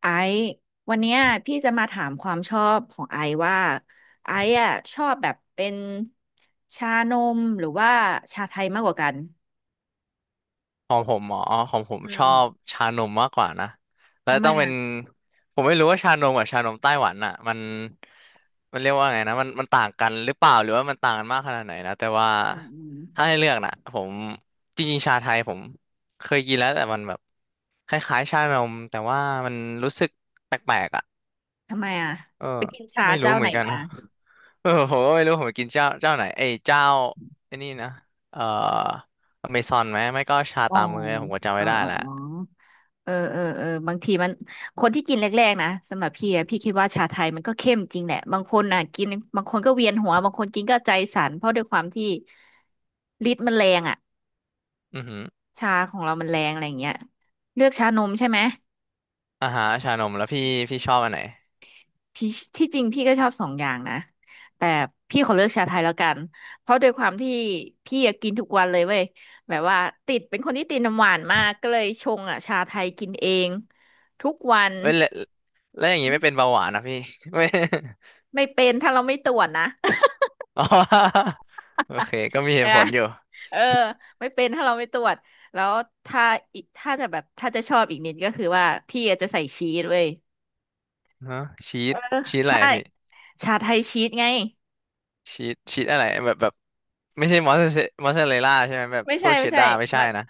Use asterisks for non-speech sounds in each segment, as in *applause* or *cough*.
ไอซ์วันเนี้ยพี่จะมาถามความชอบของไอซ์ว่าไอซ์อ่ะชอบแบบเป็นชานมหรือว่าชาไทยมากกว่ากันของผมหมอของผมอืชอบมชานมมากกว่านะแล้วทำไมต้องเป็อ่ะนผมไม่รู้ว่าชานมกับชานมไต้หวันอ่ะมันเรียกว่าไงนะมันต่างกันหรือเปล่าหรือว่ามันต่างกันมากขนาดไหนนะแต่ว่าอืมอืมถ้าให้เลือกนะผมจริงๆชาไทยผมเคยกินแล้วแต่มันแบบคล้ายๆชานมแต่ว่ามันรู้สึกแปลกๆอ่ะทำไมอ่ะเออไปกินชาไม่รู้เจ้าเหไหมืนอนกันมานะเออผมก็ไม่รู้ผมไปกินเจ้าไหนเอ้ยเจ้าไอ้นี่นะเอ่ออเมซอนไหมไม่ก็ชาอ๋อตามมือผมก็จำไม่ได้แล้ว เออเออเออเออเออเออบางทีมันคนที่กินแรกๆนะสำหรับพี่อะพี่คิดว่าชาไทยมันก็เข้มจริงแหละ บางคนอ่ะกินบางคนก็เวียนหัวบางคนกินก็ใจสั่นเพราะด้วยความที่ฤทธิ์มันแรงอ่ะ อือหือชาของเรามันแรงอะไรอย่างเงี้ยเลือกชานมใช่ไหมอาหารชานมแล้วพี่พี่ชอบอันไหนพี่ที่จริงพี่ก็ชอบสองอย่างนะแต่พี่ขอเลือกชาไทยแล้วกันเพราะด้วยความที่พี่อะกินทุกวันเลยเว้ยแบบว่าติดเป็นคนที่ติดน้ำหวานมากก็เลยชงอ่ะชาไทยกินเองทุกวันเอ้ยแล้วแล้วอย่างงี้ไม่เป็นเบาหวานนะพี่ *laughs* ไม่ไม่เป็นถ้าเราไม่ตรวจนะ อ๋อ *laughs* โอเคก็มี *laughs* เหใช่ตุไหผมลอยู่เออไม่เป็นถ้าเราไม่ตรวจแล้วถ้าอีกถ้าจะแบบถ้าจะชอบอีกนิดก็คือว่าพี่อาจจะใส่ชีสเว้ยฮะชีเอสอชีสอะไรใช่อะพี่ชาไทยชีสไง ชีสอะไรแบบไม่ใช่มอสซาเรลล่าใช่ไหมแบบไม่พใช่วกเชไม่ดใช่ดาร์ไม่ใช่มันนะ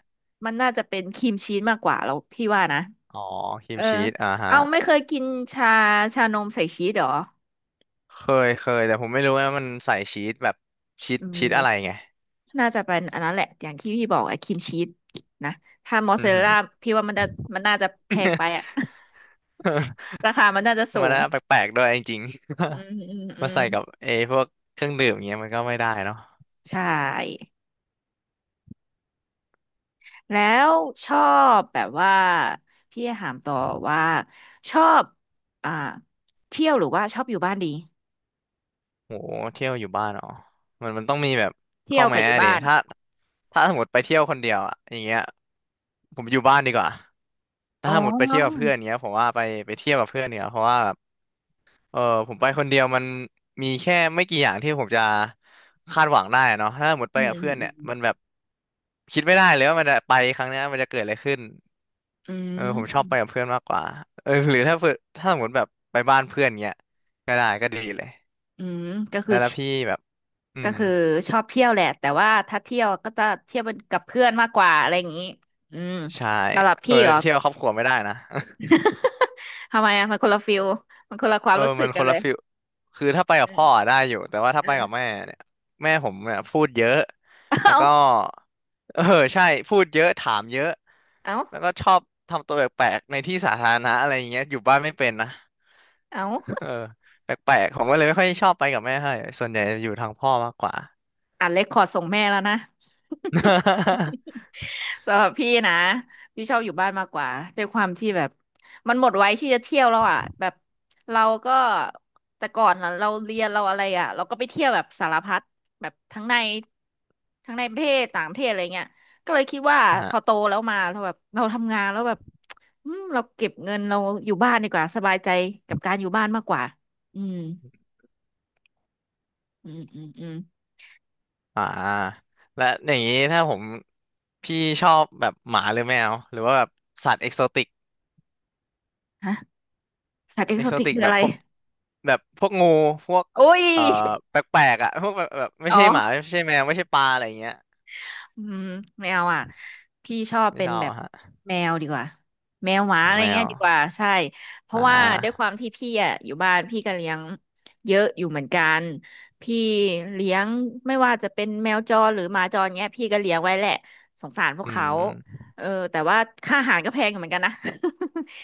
มันน่าจะเป็นครีมชีสมากกว่าแล้วพี่ว่านะอ๋อครีเอมอชีสอ่าฮะเอาไม่เคยกินชาชานมใส่ชีสเหรอเคเคยแต่ผมไม่รู้ว่ามันใส่ชีสแบบชีสอืมชีสอะไรไงน่าจะเป็นอันนั้นแหละอย่างที่พี่บอกไอ้ครีมชีสนะถ้ามอสอืซาอเรลหือ ล่าพี่ว่ามันจะมันน่าจะแพงไปอะ *laughs* *laughs* ราคามันน่าจะสูมันงน่าแปลกๆด้วยจริงอืมๆ อืม *laughs* อืมามใส่กับเอพวกเครื่องดื่มอย่างเงี้ยมันก็ไม่ได้เนาะ ใช่แล้วชอบแบบว่าพี่ถามต่อว่าชอบอ่าเที่ยวหรือว่าชอบอยู่บ้านดีโหเที่ยวอยู่บ้านเหรอมันต้องมีแบบเที่ข้อยวกับแม้อยู่ดิบ้าน ถ้าถ้าสมมติไปเที่ยวคนเดียวอะอย่างเงี้ยผมอยู่บ้านดีกว่าถ้าอ๋สมมติไปเที่ยวกับอเพื่อนเงี้ยผมว่าไปไปเที่ยวกับเพื่อนเนี่ยเพราะว่าแบบเออผมไปคนเดียวมันมีแค่ไม่กี่อย่างที่ผมจะคาดหวังได้อะเนาะถ้าสมมติไปอืกัมบเพื่อนอืเนี่ยมมันแบบคิดไม่ได้เลยว่ามันจะไปครั้งเนี้ยมันจะเกิดอะไรขึ้นอืมเออผมชอือบมไปกับเพื่อนมากกว่าเออ *laughs* หรือถ้าเพื่อนถ้าสมมติแบบไปบ้านเพื่อนเงี้ยก็ได้ก็ดีเลยก็คืแล้อวชแล้วพี่แบบอืก็ม คือชอบเที่ยวแหละ แต่ว่าถ้าเที่ยวก็จะเที่ยวเป็นกับเพื่อนมากกว่าอะไรอย่างนี้อืมใช่สำหรับเออพี่เหรอ เที่ยวครอบครัวไม่ได้นะ *laughs* *laughs* ทำไมอ่ะ มันคนละฟิลมันคนละควาเอมอรู้สึมักนคกันนเลละยฟิลคือถ้าไปกัเอบอพ่ออะได้อยู่แต่ว่าถ้าเอไปอ กับแม่เนี่ยแม่ผมเนี่ยพูดเยอะ *laughs* แล้วเอาก็ *laughs* เออใช่พูดเยอะถามเยอะเอาแล้วก็ชอบทำตัวแปลกๆในที่สาธารณะอะไรอย่างเงี้ยอยู่บ้านไม่เป็นนะ เอา *laughs* เออแปลกๆผมก็เลยไม่ค่อยชอบไปกับแม่ให้ส่วนใหญ่จะอยู่ทางพ่อมากกว่า อัดเรคคอร์ดส่งแม่แล้วนะ *laughs* สำหรับพี่นะพี่ชอบอยู่บ้านมากกว่าด้วยความที่แบบมันหมดไว้ที่จะเที่ยวแล้วอ่ะแบบเราก็แต่ก่อนน่ะเราเรียนเราอะไรอ่ะเราก็ไปเที่ยวแบบสารพัดแบบทั้งในประเทศต่างประเทศอะไรเงี้ยก็เลยคิดว่าพอโตอ่ะแล้วมาเราแบบเราทำงานแล้วแบบอืมเราเก็บเงินเราอยู่บ้านดีกว่าสบายใจกับการอยู่บ้านมากกว่าอืมอืมอืมอืมอ่าและอย่างนี้ถ้าผมพี่ชอบแบบหมาหรือแมวหรือว่าแบบสัตว์เอกโซติก ฮะสัตว์เอกเอโซกโซติกติกคือแบอะบไรพวกแบบพวกงูพวกโอ้ยเอ่อแปลกๆอ่ะ *laughs* พวกแบบไม่อ๋ใช่หมาอ ไม่ใช่แมวไม่ใช่ปลาอะไรอย่างเงี้ยอืมไม่เอาอ่ะพี่ชอบไม่เป็ชนอบแบบอะฮะแมวดีกว่าแมวหมาขออะงไรแมเงี้ยวดีกว่าใช่เพอ่ราะว่าด้วยควาามที่พี่อ่ะอยู่บ้านพี่ก็เลี้ยงเยอะอยู่เหมือนกันพี่เลี้ยงไม่ว่าจะเป็นแมวจรหรือหมาจรเงี้ยพี่ก็เลี้ยงไว้แหละสงสารพวกอืเขาม เออแต่ว่าค่าอาหารก็แพงอยู่เหมือนกันนะ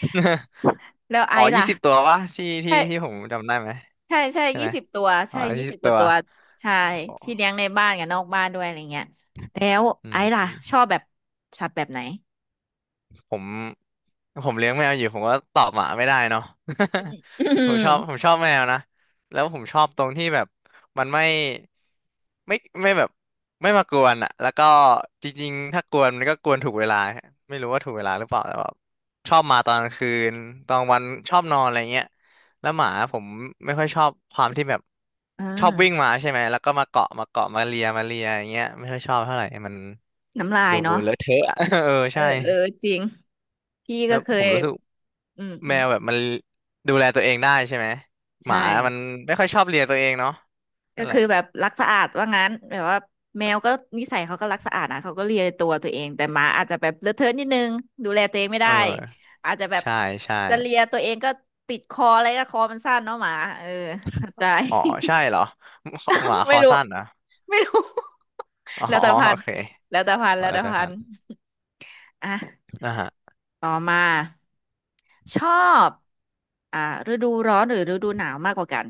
*laughs* *laughs* แล้วไออ๋อซ์ยี่ล่ะสิบตัววะที่ใช่ผมจำได้ไหมใช่ใช่ใช่ยี่ไหมสิบตัวอ๋อใช่ยี่ยี่สิสิบบกตัว่าวตัวใช่ที่เลี้ยงในบ้านกับนอกบ้านด้วยอะไรเงี้ยแล้วอืไอ้มล่ะชอบแบบสัตว์แบบไหน ผม ผมเลี้ยงแมวอยู่ผมก็ตอบหมาไม่ได้เนาะ อื *laughs* ผมชอบม ผมชอบแมวนะแล้วผมชอบตรงที่แบบมันไม่ไม่แบบไม่มากวนอ่ะแล้วก็จริงๆถ้ากวนมันก็กวนถูกเวลาไม่รู้ว่าถูกเวลาหรือเปล่าแต่แบบชอบมาตอนกลางคืนตอนวันชอบนอนอะไรเงี้ยแล้วหมาผมไม่ค่อยชอบความที่แบบ *laughs* อ่าชอบวิ่งมาใช่ไหมแล้วก็มาเกาะมาเลียอย่างเงี้ยไม่ค่อยชอบเท่าไหร่มันน้ำลายดูเนาะเลอะเทอะอะ *laughs* เออเออใช่เออจริงพี่แล้ก็วเคผยมรู้สึก อืมอืแมมวแบบมันดูแลตัวเองได้ใช่ไหมหใช่มามันไม่ค่อยชอบเลียตัวเองเนาะก็นั่นแหคืละอแบบรักสะอาดว่างั้นแบบว่าแมวก็นิสัยเขาก็รักสะอาดนะเขาก็เลียตัวเองแต่หมาอาจจะแบบเลอะเทอะนิดนึงดูแลตัวเองไม่เอได้ออาจจะแบบใช่ใช่จะเลียตัวเองก็ติดคออะไรก็คอมันสั้นเนาะหมาเออเข้าใจ อ๋อใช่เหรอหมา *laughs* คไม่อรู้สั้นเหรอไม่รู้ *laughs* อ๋อแล้วแต่พัโอนธุ์เคแล้วแต่พันขธุ์อแล้วแล้วแต่แต่พัพันนธุ์ธุ์อ่ะนะฮะต่อมา ชอบอ่าฤดูร้อนหรือฤดูหนาวมากกว่ากัน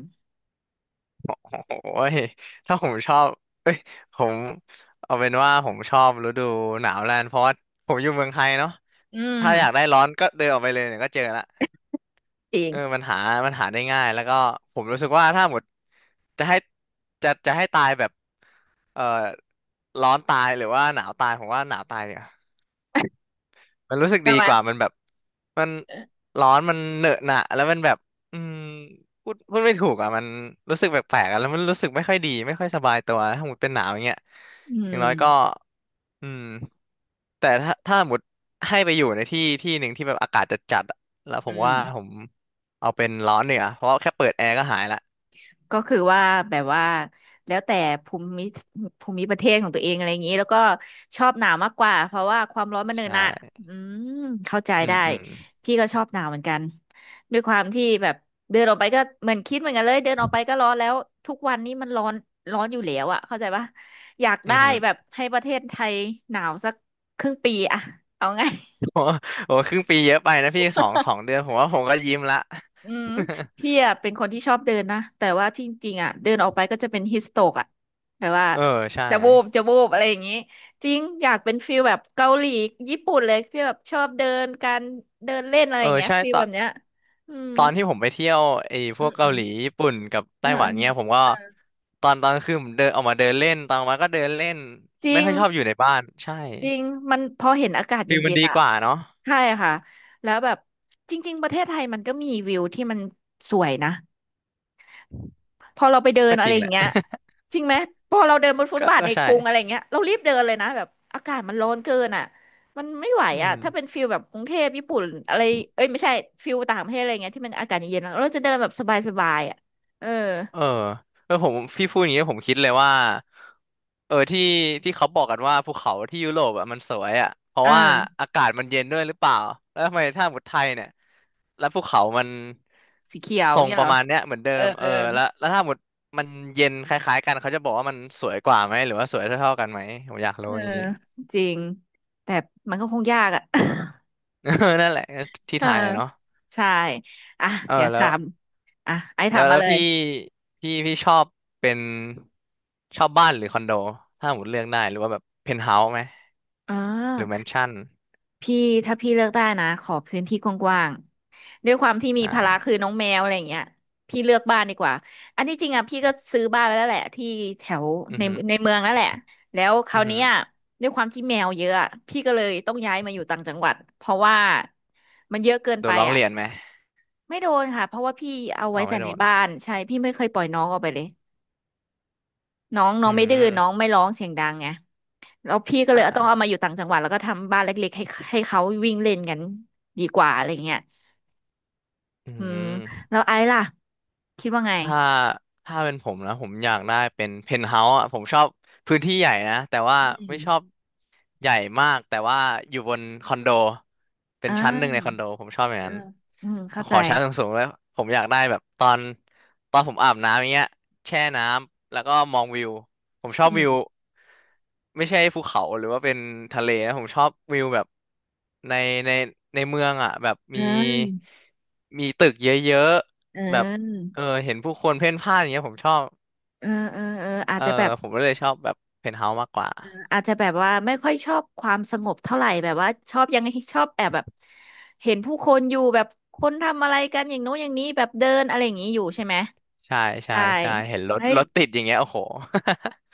โอ้ยถ้าผมชอบเอ้ยผมเอาเป็นว่าผมชอบฤดูหนาวแล้วกันเพราะว่าผมอยู่เมืองไทยเนาะอืม ถ้าอยากได้ร้อนก็เดินออกไปเลยเนี่ยก็เจอละ จริเออง มันหาได้ง่ายแล้วก็ผมรู้สึกว่าถ้าหมดจะให้จะให้ตายแบบเอ่อร้อนตายหรือว่าหนาวตายผมว่าหนาวตายเนี่ย มันรู้สึกใช่ดีไหมกว่ามันแบบมันเออร้อนมันเหนอะหนะแล้วมันแบบอืมพูดไม่ถูกอ่ะมันรู้สึกแปลกๆอ่ะแล้วมันรู้สึกไม่ค่อยดีไม่ค่อยสบายตัวถ้าหมดเป็นหนาวอย่างเงี้ยอือย่างมน้อยก็อืมแต่ถ้าถ้าหมดให้ไปอยู่ในที่ที่หนึ่งที่แบบอากาศจัดจัดอะแล้วผอืมว่าม ผมเอาเป็นร้อนเนี่ยเพราะว่าแค่เปิดแอร์ก็หายละก็คือว่าแบบว่าแล้วแต่ภูมิภูมิประเทศของตัวเองอะไรอย่างนี้แล้วก็ชอบหนาวมากกว่าเพราะว่าความร้อนมันใชเนินอะ่อืมเข้าใจอืมได้อืมพี่ก็ชอบหนาวเหมือนกันด้วยความที่แบบเดินออกไปก็เหมือนคิดเหมือนกันเลยเดินออกไปก็ร้อนแล้วทุกวันนี้มันร้อนร้อนอยู่แล้วอะเข้าใจปะอยากอืได้ม แบบให้ประเทศไทยหนาวสักครึ่งปีอะเอาไง *laughs* โอ้โหครึ่งปีเยอะไปนะพี่สองเดือนผมว่าผมก็ยิ้มละ อืมพี่ *laughs* อ่ะเป็นคนที่ชอบเดินนะแต่ว่าจริงๆอ่ะเดินออกไปก็จะเป็นฮิสโตกอ่ะแต่ว่าเออใช่จะวูบอะไรอย่างงี้จริงอยากเป็นฟีลแบบเกาหลีญี่ปุ่นเลยฟีลแบบชอบเดินการเดินเล่นอะไรเออย่างอเงี้ยใช่ฟีลต แบบเนี้ยอืมตอนที่ผมไปเที่ยวไอ้พอืวกมอืเกามหลีญี่ปุ่นกับเอไต้อหวัเอนอเงี้ยผมก็เออตอนคือผมเดินออกมาเดินเล่นตอนมาก็เดินเล่นจริไม่งค่อยชอบอยู่ในบ้านใช่จริงมันพอเห็นอากาศฟิลมัเย็นนดีๆอ่ะกว่าเนาะใช่ค่ะแล้วแบบจริงๆประเทศไทยมันก็มีวิวที่มันสวยนะ พอเราไปเดินก็อะจไรริงอแหย่างละ เงี้ยจริงไหมพอเราเดินบนฟุ *laughs* ตก็บาทก็ในใช่กรุงอะไรอย่างเงี้ยเรารีบเดินเลยนะแบบอากาศมันร้อนเกินอ่ะมันไม่ไหวอือ่ะม ถ้าเป็นฟิลแบบกรุงเทพญี่ปุ่นอะไรเอ้ยไม่ใช่ฟิลต่างประเทศอะไรเงี้ยที่มันอากาศเย็นๆเราจะเดินแบบสบายๆอ่ะเออเออเออผมพี่พูดอย่างนี้ผมคิดเลยว่าเออที่เขาบอกกันว่าภูเขาที่ยุโรปอ่ะมันสวยอ่ะเพเอราะว่าออากาศมันเย็นด้วยหรือเปล่าแล้วทำไมถ้าหมดไทยเนี่ยแล้วภูเขามันสีเขียวทรงเงี้ยปเหระรอมาณเนี้ยเหมือนเดิเออมเอเอออแล้วถ้าหมดมันเย็นคล้ายๆกันเขาจะบอกว่ามันสวยกว่าไหมหรือว่าสวยเท่าๆกันไหมผมอยากเอรู้ออย่างนี้ จริงแต่มันก็คงยากอ่ะ *laughs* นั่นแหละ *laughs* ที่เออไทยอะเนาะใช่อ่ะเออเดี๋ยวแล้ถาว มอ่ะไอ้แล้ถามวมาแล้วเลยพี่พี่ชอบเป็นชอบบ้านหรือคอนโดถ้าหมดเลือกได้หรือว่าแบบเพนท์เฮาส์ไหมอ่าหรือแมนชั่นพี่ถ้าพี่เลือกได้นะขอพื้นที่กว้าง ด้วยความที่มีอ่ภาระาคือน้องแมวอะไรอย่างเงี้ยพี่เลือกบ้านดีกว่าอันที่จริงอ่ะพี่ก็ซื้อบ้านไว้แล้วแหละที่แถวอือในหือในเมืองแล้วแหละแล้วคราอืวอหืเนี้อยด้วยความที่แมวเยอะอะพี่ก็เลยต้องย้ายมาอยู่ต่างจังหวัดเพราะว่ามันเยอะเกินโดไปนร้องอ่ะเรียนไหมไม่โดนค่ะเพราะว่าพี่เอาอ๋ไว้อไม่แต่โดในนบ้านใช่พี่ไม่เคยปล่อยน้องออกไปเลยน้องน้ออืงไม่ดื้อน้องมไม่ร้องเสียงดังไงแล้วอพี่หือก็เลยต้ออ่างเอามาอยู่ต่างจังหวัดแล้วก็ทำบ้านเล็กๆให้ให้เขาวิ่งเล่นกันดีกว่าอะไรเงี้ยอือืมม แล้วไอ้ล่ะคิดว่าไง ถ้าถ้าเป็นผมนะผมอยากได้เป็นเพนท์เฮาส์อ่ะผมชอบพื้นที่ใหญ่นะแต่ว่าอืไม่ชอบมใหญ่มากแต่ว่าอยู่บนคอนโดเป็อ่นชั้นหนึ่งในคอนาโดผมชอบอย่างเออนั้นอืมเข้าขใจอชั้นสูงๆเลยผมอยากได้แบบตอนผมอาบน้ำอย่างเงี้ยแช่น้ำแล้วก็มองวิวผมชออืบวิวมไม่ใช่ภูเขาหรือว่าเป็นทะเลนะผมชอบวิวแบบในในในเมืองอ่ะแบบเมีออมีตึกเยอะเๆแบบ ออเออเห็นผู้คนเพ่นพ่านอย่างเงี้ยผมชอบเออเออเอออาจเออจะแบบผมก็เลยชอบแบบเพนท์เฮาส์มากกว่าเอออาจจะแบบว่าไม่ค่อยชอบความสงบเท่าไหร่ แบบว่าชอบแอบแบบเห็นผู้คนอยู่แบบคนทำอะไรกันอย่างโน้นอย่างนี้แบบเดินอะไรอย่างนี้อยู่ใช่ไหมใช่ใช่ใช่ใช่เห็นรถเฮ้ยรถติดอย่างเงี้ยโอ้โห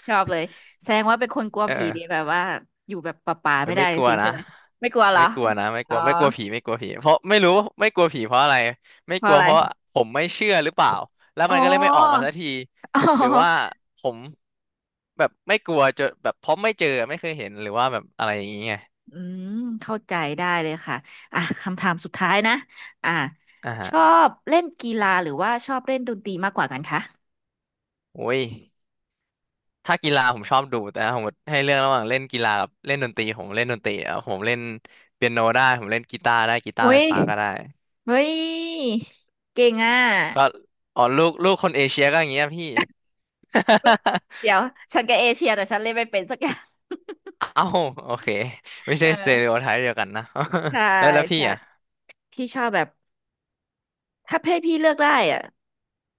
ชอบเลยแสดงว่าเป็นคนกลั *laughs* วผีดีเออแบบว่าอยู่แบบป่าๆไม่ไม่ได้ไม่กลัวสินะใช่ไหมไม่กลัวเหรอไม่กลัวนะไม่กอ๋ลัอวไม่กลัวผีไม่กลัวผีเพราะไม่รู้ไม่กลัวผีเพราะอะไรไม่เพกราะลัวอะไรเพราะผมไม่เชื่อหรือเปล่าแล้วอ๋อมันก็เลยไม่ออกมาสักทีอ๋หรือว่าอ ผมแบบไม่กลัวจนแบบเพราะไม่เจอไม่เคยเห็นหรือว่าแบบอะไรอย่างเงี้ยอืมเข้าใจได้เลยค่ะอ่ะคำถามสุดท้ายนะอ่ะอ่าชฮะอบเล่นกีฬาหรือว่าชอบเล่นดนตรีมากกว่ากันคะ โอ้ย ถ้ากีฬาผมชอบดูแต่ถ้าผมให้เลือกระหว่างเล่นกีฬากับเล่นดนตรีผมเล่นดนตรีอ่ะผมเล่นเปียโนได้ผมเล่นกีตาร์ได้กีตาเฮ้ร์ไฟยฟ้าก็ได้เฮ้ยเก่งอ่ะก็อ๋อลูกคนเอเชียก็อย่างเงี้ยพี่ *laughs* เฮ้ยเดี๋ยวฉันก็เอเชียแต่ฉันเล่นไม่เป็นสักอย่าง เอ้าโอเคไม่ *laughs* ใช่สเตอริเออโอไทป์เดียวกันนะ ใช่ *laughs* แล้วพี่ใช่อ่ะพี่ชอบแบบ ถ้าให้พี่เลือกได้อ่ะ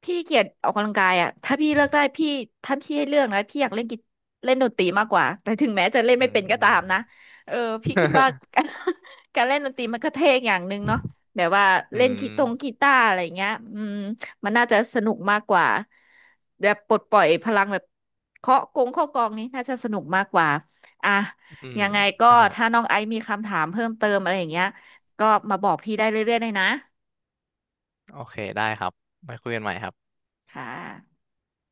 พี่เกลียดออกกำลังกายอ่ะถ้าพี่ให้เลือกนะพี่อยากเล่นดนตรีมากกว่าแต่ถึงแม้จะเล่นอืไม่เป็นก็ตามนะม เออพี่คิดว่า *laughs* การเล่นดนตรีมันก็เท่อย่างหนึ่งเนาะแบบว่า *laughs* อืเล่นมกีตาร์อะไรเงี้ยอืมมันน่าจะสนุกมากกว่าแบบปลดปล่อยพลังแบบเคาะกองนี้น่าจะสนุกมากกว่าอ่ะอืมยังไงก็อ่ะฮะถ้าน้องไอซ์มีคำถามเพิ่มเติมอะไรอย่างเงี้ยก็มาบอกพี่ได้เรื่อยๆเลยนะโอเคได้ครับไปคุยกันใหม่ครับค่ะ